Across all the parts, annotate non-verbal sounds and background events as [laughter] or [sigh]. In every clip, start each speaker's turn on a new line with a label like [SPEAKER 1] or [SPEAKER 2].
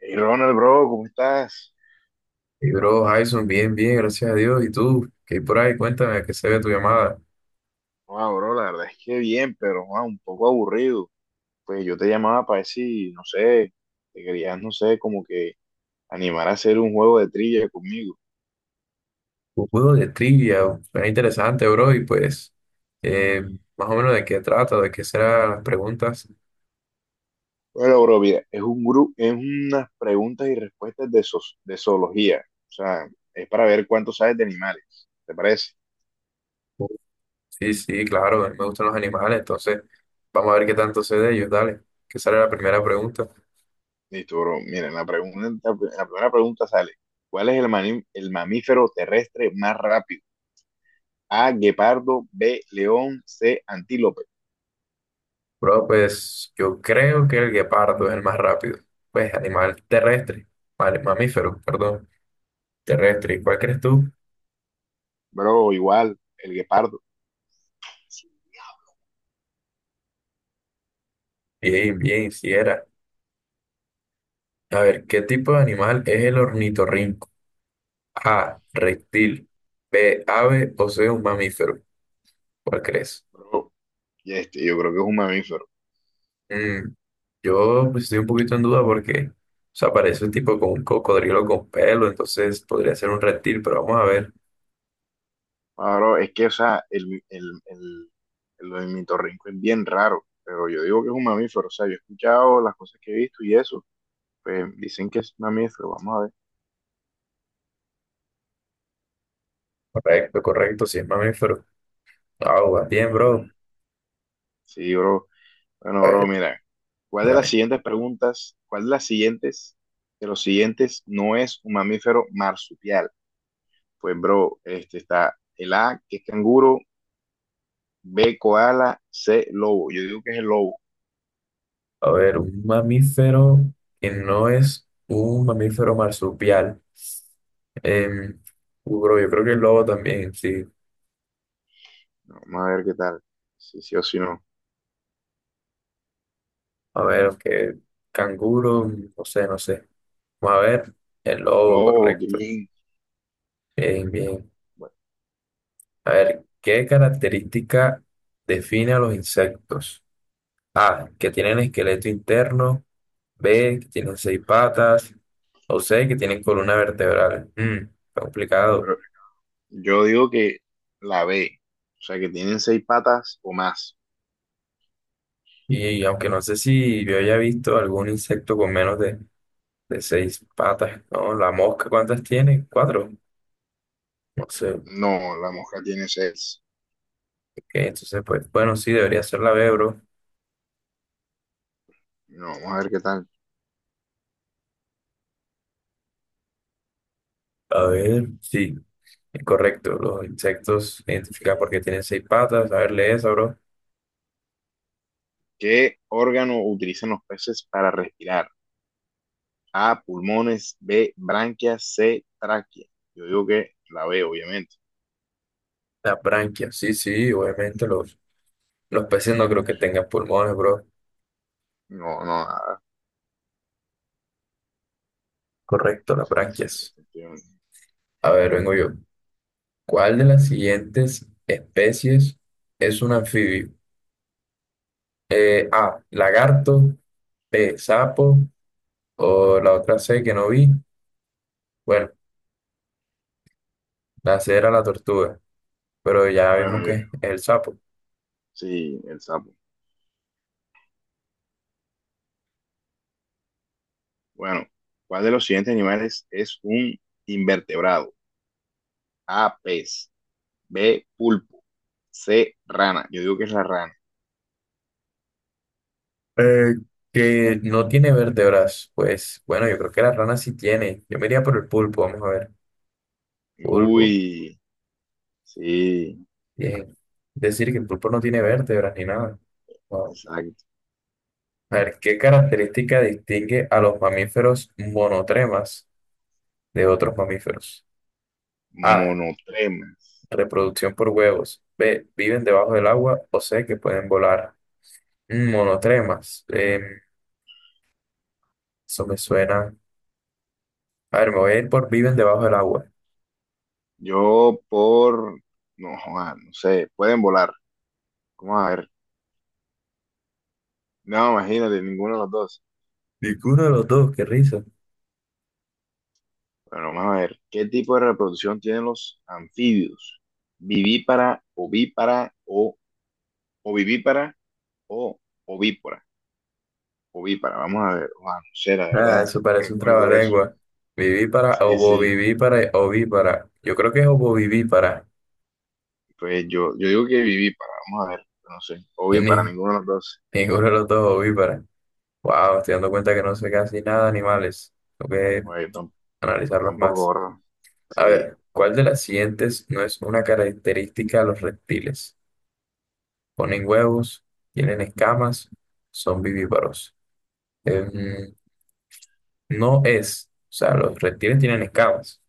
[SPEAKER 1] Hey Ronald, bro, ¿cómo estás?
[SPEAKER 2] Y bro, Jason, bien, bien, gracias a Dios. ¿Y tú? ¿Qué hay por ahí? Cuéntame, que se ve tu llamada.
[SPEAKER 1] Wow, bro, la verdad es que bien, pero wow, un poco aburrido. Pues yo te llamaba para decir, no sé, te querías, no sé, como que animar a hacer un juego de trivia conmigo.
[SPEAKER 2] Un juego de trivia, suena interesante, bro. Y pues, eh, más o menos de qué trata, de qué serán las preguntas.
[SPEAKER 1] Bueno, bro, mira, es un grupo, es unas preguntas y respuestas de zoología. O sea, es para ver cuánto sabes de animales. ¿Te parece?
[SPEAKER 2] Sí, sí, claro, a mí me gustan los animales, entonces vamos a ver qué tanto sé de ellos. Dale, que sale la primera pregunta.
[SPEAKER 1] Listo, bro. Mira, en la primera pregunta sale, ¿cuál es el mamífero terrestre más rápido? A, guepardo, B, león, C, antílope.
[SPEAKER 2] Bro, pues yo creo que el guepardo es el más rápido. Pues animal terrestre, vale, mamífero, perdón, terrestre. ¿Cuál crees tú?
[SPEAKER 1] Bro, igual, el guepardo,
[SPEAKER 2] Bien, bien, si era. A ver, ¿qué tipo de animal es el ornitorrinco? A, reptil, B, ave o C, un mamífero. ¿Cuál crees?
[SPEAKER 1] bro. Y este, yo creo que es un mamífero.
[SPEAKER 2] Mm, yo pues, estoy un poquito en duda porque, o sea, parece un tipo con un cocodrilo con pelo, entonces podría ser un reptil, pero vamos a ver.
[SPEAKER 1] Ah, bro, es que, o sea, el ornitorrinco es bien raro, pero yo digo que es un mamífero. O sea, yo he escuchado las cosas que he visto y eso, pues dicen que es mamífero. Vamos a ver.
[SPEAKER 2] Correcto, correcto, si es mamífero. Ah, va
[SPEAKER 1] Qué
[SPEAKER 2] bien, bro.
[SPEAKER 1] bien. Sí, bro.
[SPEAKER 2] A
[SPEAKER 1] Bueno, bro,
[SPEAKER 2] ver,
[SPEAKER 1] mira,
[SPEAKER 2] dale.
[SPEAKER 1] cuál de las siguientes, de los siguientes no es un mamífero marsupial? Pues, bro, este está el A, que es canguro, B, koala, C, lobo. Yo digo que es el lobo.
[SPEAKER 2] A ver, un mamífero que no es un mamífero marsupial. Em, bro, yo creo que el lobo también, sí.
[SPEAKER 1] Vamos a ver qué tal. Si sí o si no.
[SPEAKER 2] A ver, aunque canguro, no sé, no sé. Vamos a ver, el lobo,
[SPEAKER 1] Lobo,
[SPEAKER 2] correcto.
[SPEAKER 1] Green.
[SPEAKER 2] Bien, bien.
[SPEAKER 1] Bueno,
[SPEAKER 2] A ver, ¿qué característica define a los insectos? A, que tienen esqueleto interno, B, que tienen seis patas, o C, que tienen columna vertebral. Mm, está complicado.
[SPEAKER 1] bro, yo digo que la B. O sea, que tienen seis patas o más.
[SPEAKER 2] Y aunque no sé si yo haya visto algún insecto con menos de seis patas, ¿no? La mosca, ¿cuántas tiene? Cuatro. No sé. Ok,
[SPEAKER 1] No, la mosca tiene seis.
[SPEAKER 2] entonces, pues, bueno, sí, debería ser la B, bro.
[SPEAKER 1] No, vamos a ver qué tal.
[SPEAKER 2] A ver, sí, es correcto. Los insectos
[SPEAKER 1] Qué
[SPEAKER 2] identificados porque
[SPEAKER 1] bien.
[SPEAKER 2] tienen seis patas. A ver, lee esa, bro.
[SPEAKER 1] ¿Qué órgano utilizan los peces para respirar? A, pulmones, B, branquias, C, tráquea. Yo digo que la B, obviamente.
[SPEAKER 2] Las branquias, sí, sí, obviamente los peces no creo que tengan pulmones, bro.
[SPEAKER 1] No, no,
[SPEAKER 2] Correcto, las
[SPEAKER 1] sí, sí,
[SPEAKER 2] branquias.
[SPEAKER 1] efectivamente.
[SPEAKER 2] A ver, vengo yo. ¿Cuál de las siguientes especies es un anfibio? A, lagarto, B, sapo, o la otra C que no vi. Bueno, la C era la tortuga, pero ya vimos
[SPEAKER 1] Bueno,
[SPEAKER 2] que es el sapo.
[SPEAKER 1] sí, el sapo. Bueno, ¿cuál de los siguientes animales es un invertebrado? A, pez. B, pulpo. C, rana. Yo digo que es la rana.
[SPEAKER 2] Eh, que no tiene vértebras, pues bueno, yo creo que la rana sí tiene. Yo me iría por el pulpo, vamos a ver. Pulpo,
[SPEAKER 1] Uy, sí,
[SPEAKER 2] bien. Decir que el pulpo no tiene vértebras ni nada. Wow.
[SPEAKER 1] exacto.
[SPEAKER 2] A ver, ¿qué característica distingue a los mamíferos monotremas de otros mamíferos? A.
[SPEAKER 1] Monotremas.
[SPEAKER 2] Reproducción por huevos. B. Viven debajo del agua. O C. Que pueden volar. Mm, monotremas. Eso me suena. A ver, me voy a ir por viven debajo del agua.
[SPEAKER 1] Yo por, no, joda, no sé, pueden volar. Vamos a ver. No, imagínate, ninguno de los dos.
[SPEAKER 2] Ninguno de los dos, qué risa.
[SPEAKER 1] Bueno, vamos a ver. ¿Qué tipo de reproducción tienen los anfibios? Vivípara, ovípara o ovivípara o ovípora. Ovípara, vamos a ver. Joda, no sé, la
[SPEAKER 2] Ah,
[SPEAKER 1] verdad,
[SPEAKER 2] eso
[SPEAKER 1] no
[SPEAKER 2] parece un
[SPEAKER 1] recuerdo eso.
[SPEAKER 2] trabalengua. Viví para,
[SPEAKER 1] Sí, sí.
[SPEAKER 2] ovovivípara, ovípara. Yo creo que es ovovivípara.
[SPEAKER 1] Pues yo digo que viví para, vamos a ver, no sé,
[SPEAKER 2] Que
[SPEAKER 1] obvio para
[SPEAKER 2] Ni,
[SPEAKER 1] ninguno de los dos,
[SPEAKER 2] ninguno de los dos ovípara. Wow, estoy dando cuenta que no sé casi nada de animales. Tengo que
[SPEAKER 1] güey tam-
[SPEAKER 2] analizarlos
[SPEAKER 1] tampoco
[SPEAKER 2] más.
[SPEAKER 1] gorro,
[SPEAKER 2] A
[SPEAKER 1] sí,
[SPEAKER 2] ver, ¿cuál de las siguientes no es una característica de los reptiles? Ponen huevos, tienen escamas, son vivíparos. Em, no es. O sea, los reptiles tienen escamas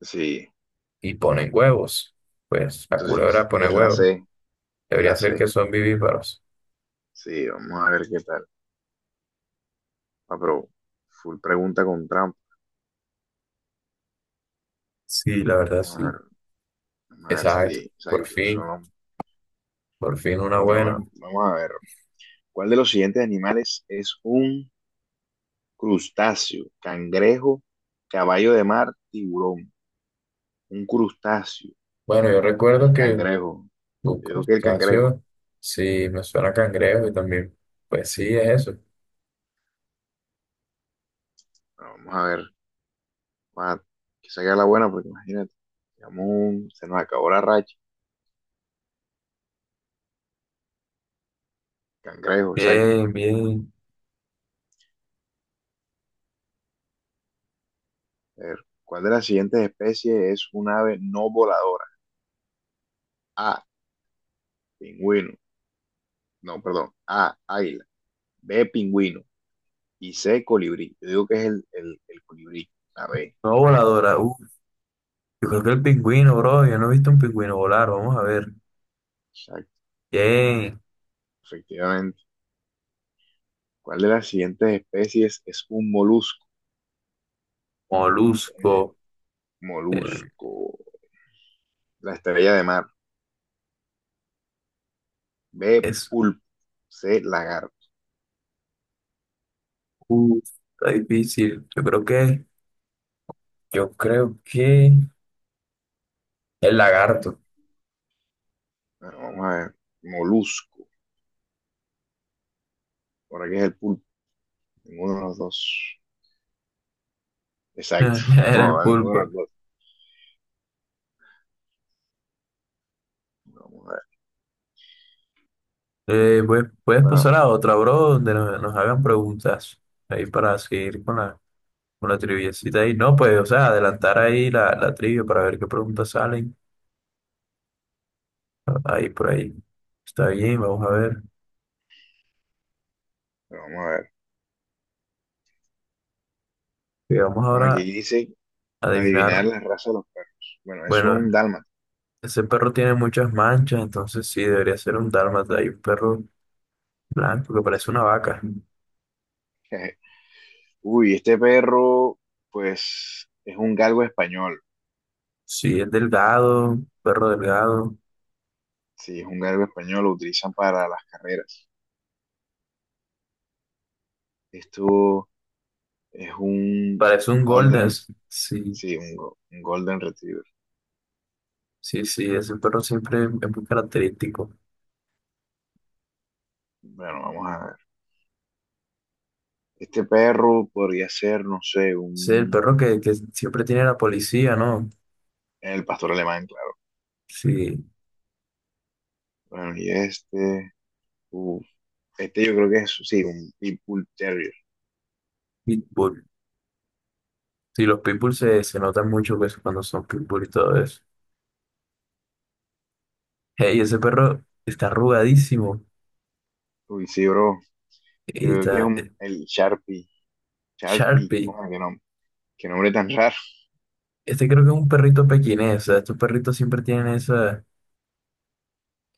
[SPEAKER 1] sí,
[SPEAKER 2] y ponen huevos. Pues la culebra
[SPEAKER 1] entonces
[SPEAKER 2] pone
[SPEAKER 1] es la
[SPEAKER 2] huevos.
[SPEAKER 1] C, es
[SPEAKER 2] Debería
[SPEAKER 1] la
[SPEAKER 2] ser que
[SPEAKER 1] C,
[SPEAKER 2] son vivíparos.
[SPEAKER 1] sí, vamos a ver qué tal, ah, pero full pregunta con trampa,
[SPEAKER 2] Sí, la verdad,
[SPEAKER 1] vamos a
[SPEAKER 2] sí.
[SPEAKER 1] ver, vamos a ver si,
[SPEAKER 2] Exacto.
[SPEAKER 1] exacto, son,
[SPEAKER 2] Por fin una
[SPEAKER 1] bueno,
[SPEAKER 2] buena.
[SPEAKER 1] vamos a ver, ¿cuál de los siguientes animales es un crustáceo? Cangrejo, caballo de mar, tiburón, un crustáceo,
[SPEAKER 2] Bueno, yo recuerdo
[SPEAKER 1] el
[SPEAKER 2] que
[SPEAKER 1] cangrejo,
[SPEAKER 2] un
[SPEAKER 1] yo digo que el cangrejo.
[SPEAKER 2] crustáceo, sí, me suena a cangrejo y también, pues sí, es eso.
[SPEAKER 1] Bueno, vamos a ver. Bueno, que salga la buena, porque imagínate, digamos, se nos acabó la racha. Cangrejo, exacto.
[SPEAKER 2] Bien, bien.
[SPEAKER 1] A ver, ¿cuál de las siguientes especies es un ave no voladora? A, pingüino. No, perdón. A, águila. B, pingüino. Y C, colibrí. Yo digo que es el colibrí, la B.
[SPEAKER 2] No voladora. Yo creo que el pingüino, bro. Yo no he visto un pingüino volar. Vamos a ver.
[SPEAKER 1] Exacto,
[SPEAKER 2] Bien.
[SPEAKER 1] efectivamente. ¿Cuál de las siguientes especies es un molusco? Eh,
[SPEAKER 2] Molusco. eh,
[SPEAKER 1] molusco. La estrella de mar. B,
[SPEAKER 2] es.
[SPEAKER 1] pulpo. C, lagarto.
[SPEAKER 2] Uh, está difícil. Yo creo que. El lagarto.
[SPEAKER 1] Bueno, vamos a ver. Molusco. Por qué es el pulpo. Ninguno de los dos.
[SPEAKER 2] [laughs]
[SPEAKER 1] Exacto. [laughs]
[SPEAKER 2] Era
[SPEAKER 1] No,
[SPEAKER 2] el
[SPEAKER 1] a ninguno
[SPEAKER 2] pulpo.
[SPEAKER 1] de los dos. Vamos a ver.
[SPEAKER 2] Pues, puedes
[SPEAKER 1] Bueno,
[SPEAKER 2] pasar a otra, bro, donde nos hagan preguntas. Ahí para seguir con con la triviecita ahí. No, pues, o sea, adelantar ahí la trivia para ver qué preguntas salen. Ahí por ahí. Está bien, vamos a ver.
[SPEAKER 1] pero vamos a ver.
[SPEAKER 2] Vamos
[SPEAKER 1] Bueno, aquí
[SPEAKER 2] ahora
[SPEAKER 1] dice
[SPEAKER 2] a adivinar.
[SPEAKER 1] adivinar la raza de los perros. Bueno, es un
[SPEAKER 2] Bueno,
[SPEAKER 1] dálmata.
[SPEAKER 2] ese perro tiene muchas manchas, entonces sí, debería ser un dálmata. Hay un perro blanco que parece una
[SPEAKER 1] Exacto.
[SPEAKER 2] vaca.
[SPEAKER 1] [laughs] Uy, este perro, pues, es un galgo español.
[SPEAKER 2] Sí, es delgado, perro delgado.
[SPEAKER 1] Sí, es un galgo español, lo utilizan para las carreras. Esto es un
[SPEAKER 2] Parece un golden.
[SPEAKER 1] golden,
[SPEAKER 2] Sí,
[SPEAKER 1] sí, un golden retriever.
[SPEAKER 2] sí, sí, ese perro siempre es muy característico.
[SPEAKER 1] Bueno, vamos a ver. Este perro podría ser, no sé,
[SPEAKER 2] Sí, el
[SPEAKER 1] un...
[SPEAKER 2] perro que siempre tiene la policía, ¿no?
[SPEAKER 1] El pastor alemán, claro.
[SPEAKER 2] Sí,
[SPEAKER 1] Bueno, y uf, este yo creo que es, sí, un Pitbull Terrier.
[SPEAKER 2] Pitbull. Sí, los Pitbull se, se notan mucho pues, cuando son Pitbull y todo eso. Hey, ese perro está arrugadísimo.
[SPEAKER 1] Uy, sí, bro. Yo
[SPEAKER 2] Y
[SPEAKER 1] creo que es
[SPEAKER 2] está
[SPEAKER 1] un, el Sharpie. Sharpie,
[SPEAKER 2] Sharpie.
[SPEAKER 1] oh, qué nombre tan raro.
[SPEAKER 2] Este creo que es un perrito pequinés. O sea, estos perritos siempre tienen esa,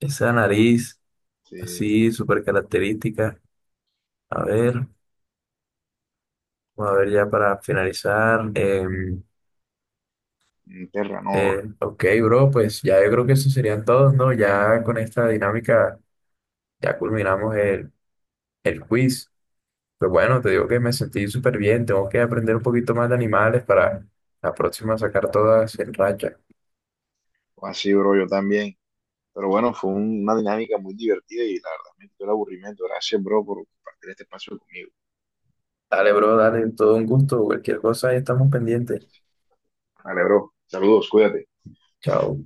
[SPEAKER 2] esa nariz
[SPEAKER 1] Sí,
[SPEAKER 2] así, súper característica. A ver, a ver ya para finalizar.
[SPEAKER 1] un Terranova.
[SPEAKER 2] Ok, bro, pues ya yo creo que eso serían todos, ¿no? Ya con esta dinámica ya culminamos el quiz. Pues bueno, te digo que me sentí súper bien. Tengo que aprender un poquito más de animales para la próxima sacar todas en racha.
[SPEAKER 1] O así, bro, yo también. Pero bueno, fue una dinámica muy divertida y la verdad me quitó el aburrimiento. Gracias, bro, por compartir este espacio conmigo.
[SPEAKER 2] Dale, bro, dale, todo un gusto. Cualquier cosa, ahí estamos pendientes.
[SPEAKER 1] Vale, bro. Saludos, cuídate.
[SPEAKER 2] Chao.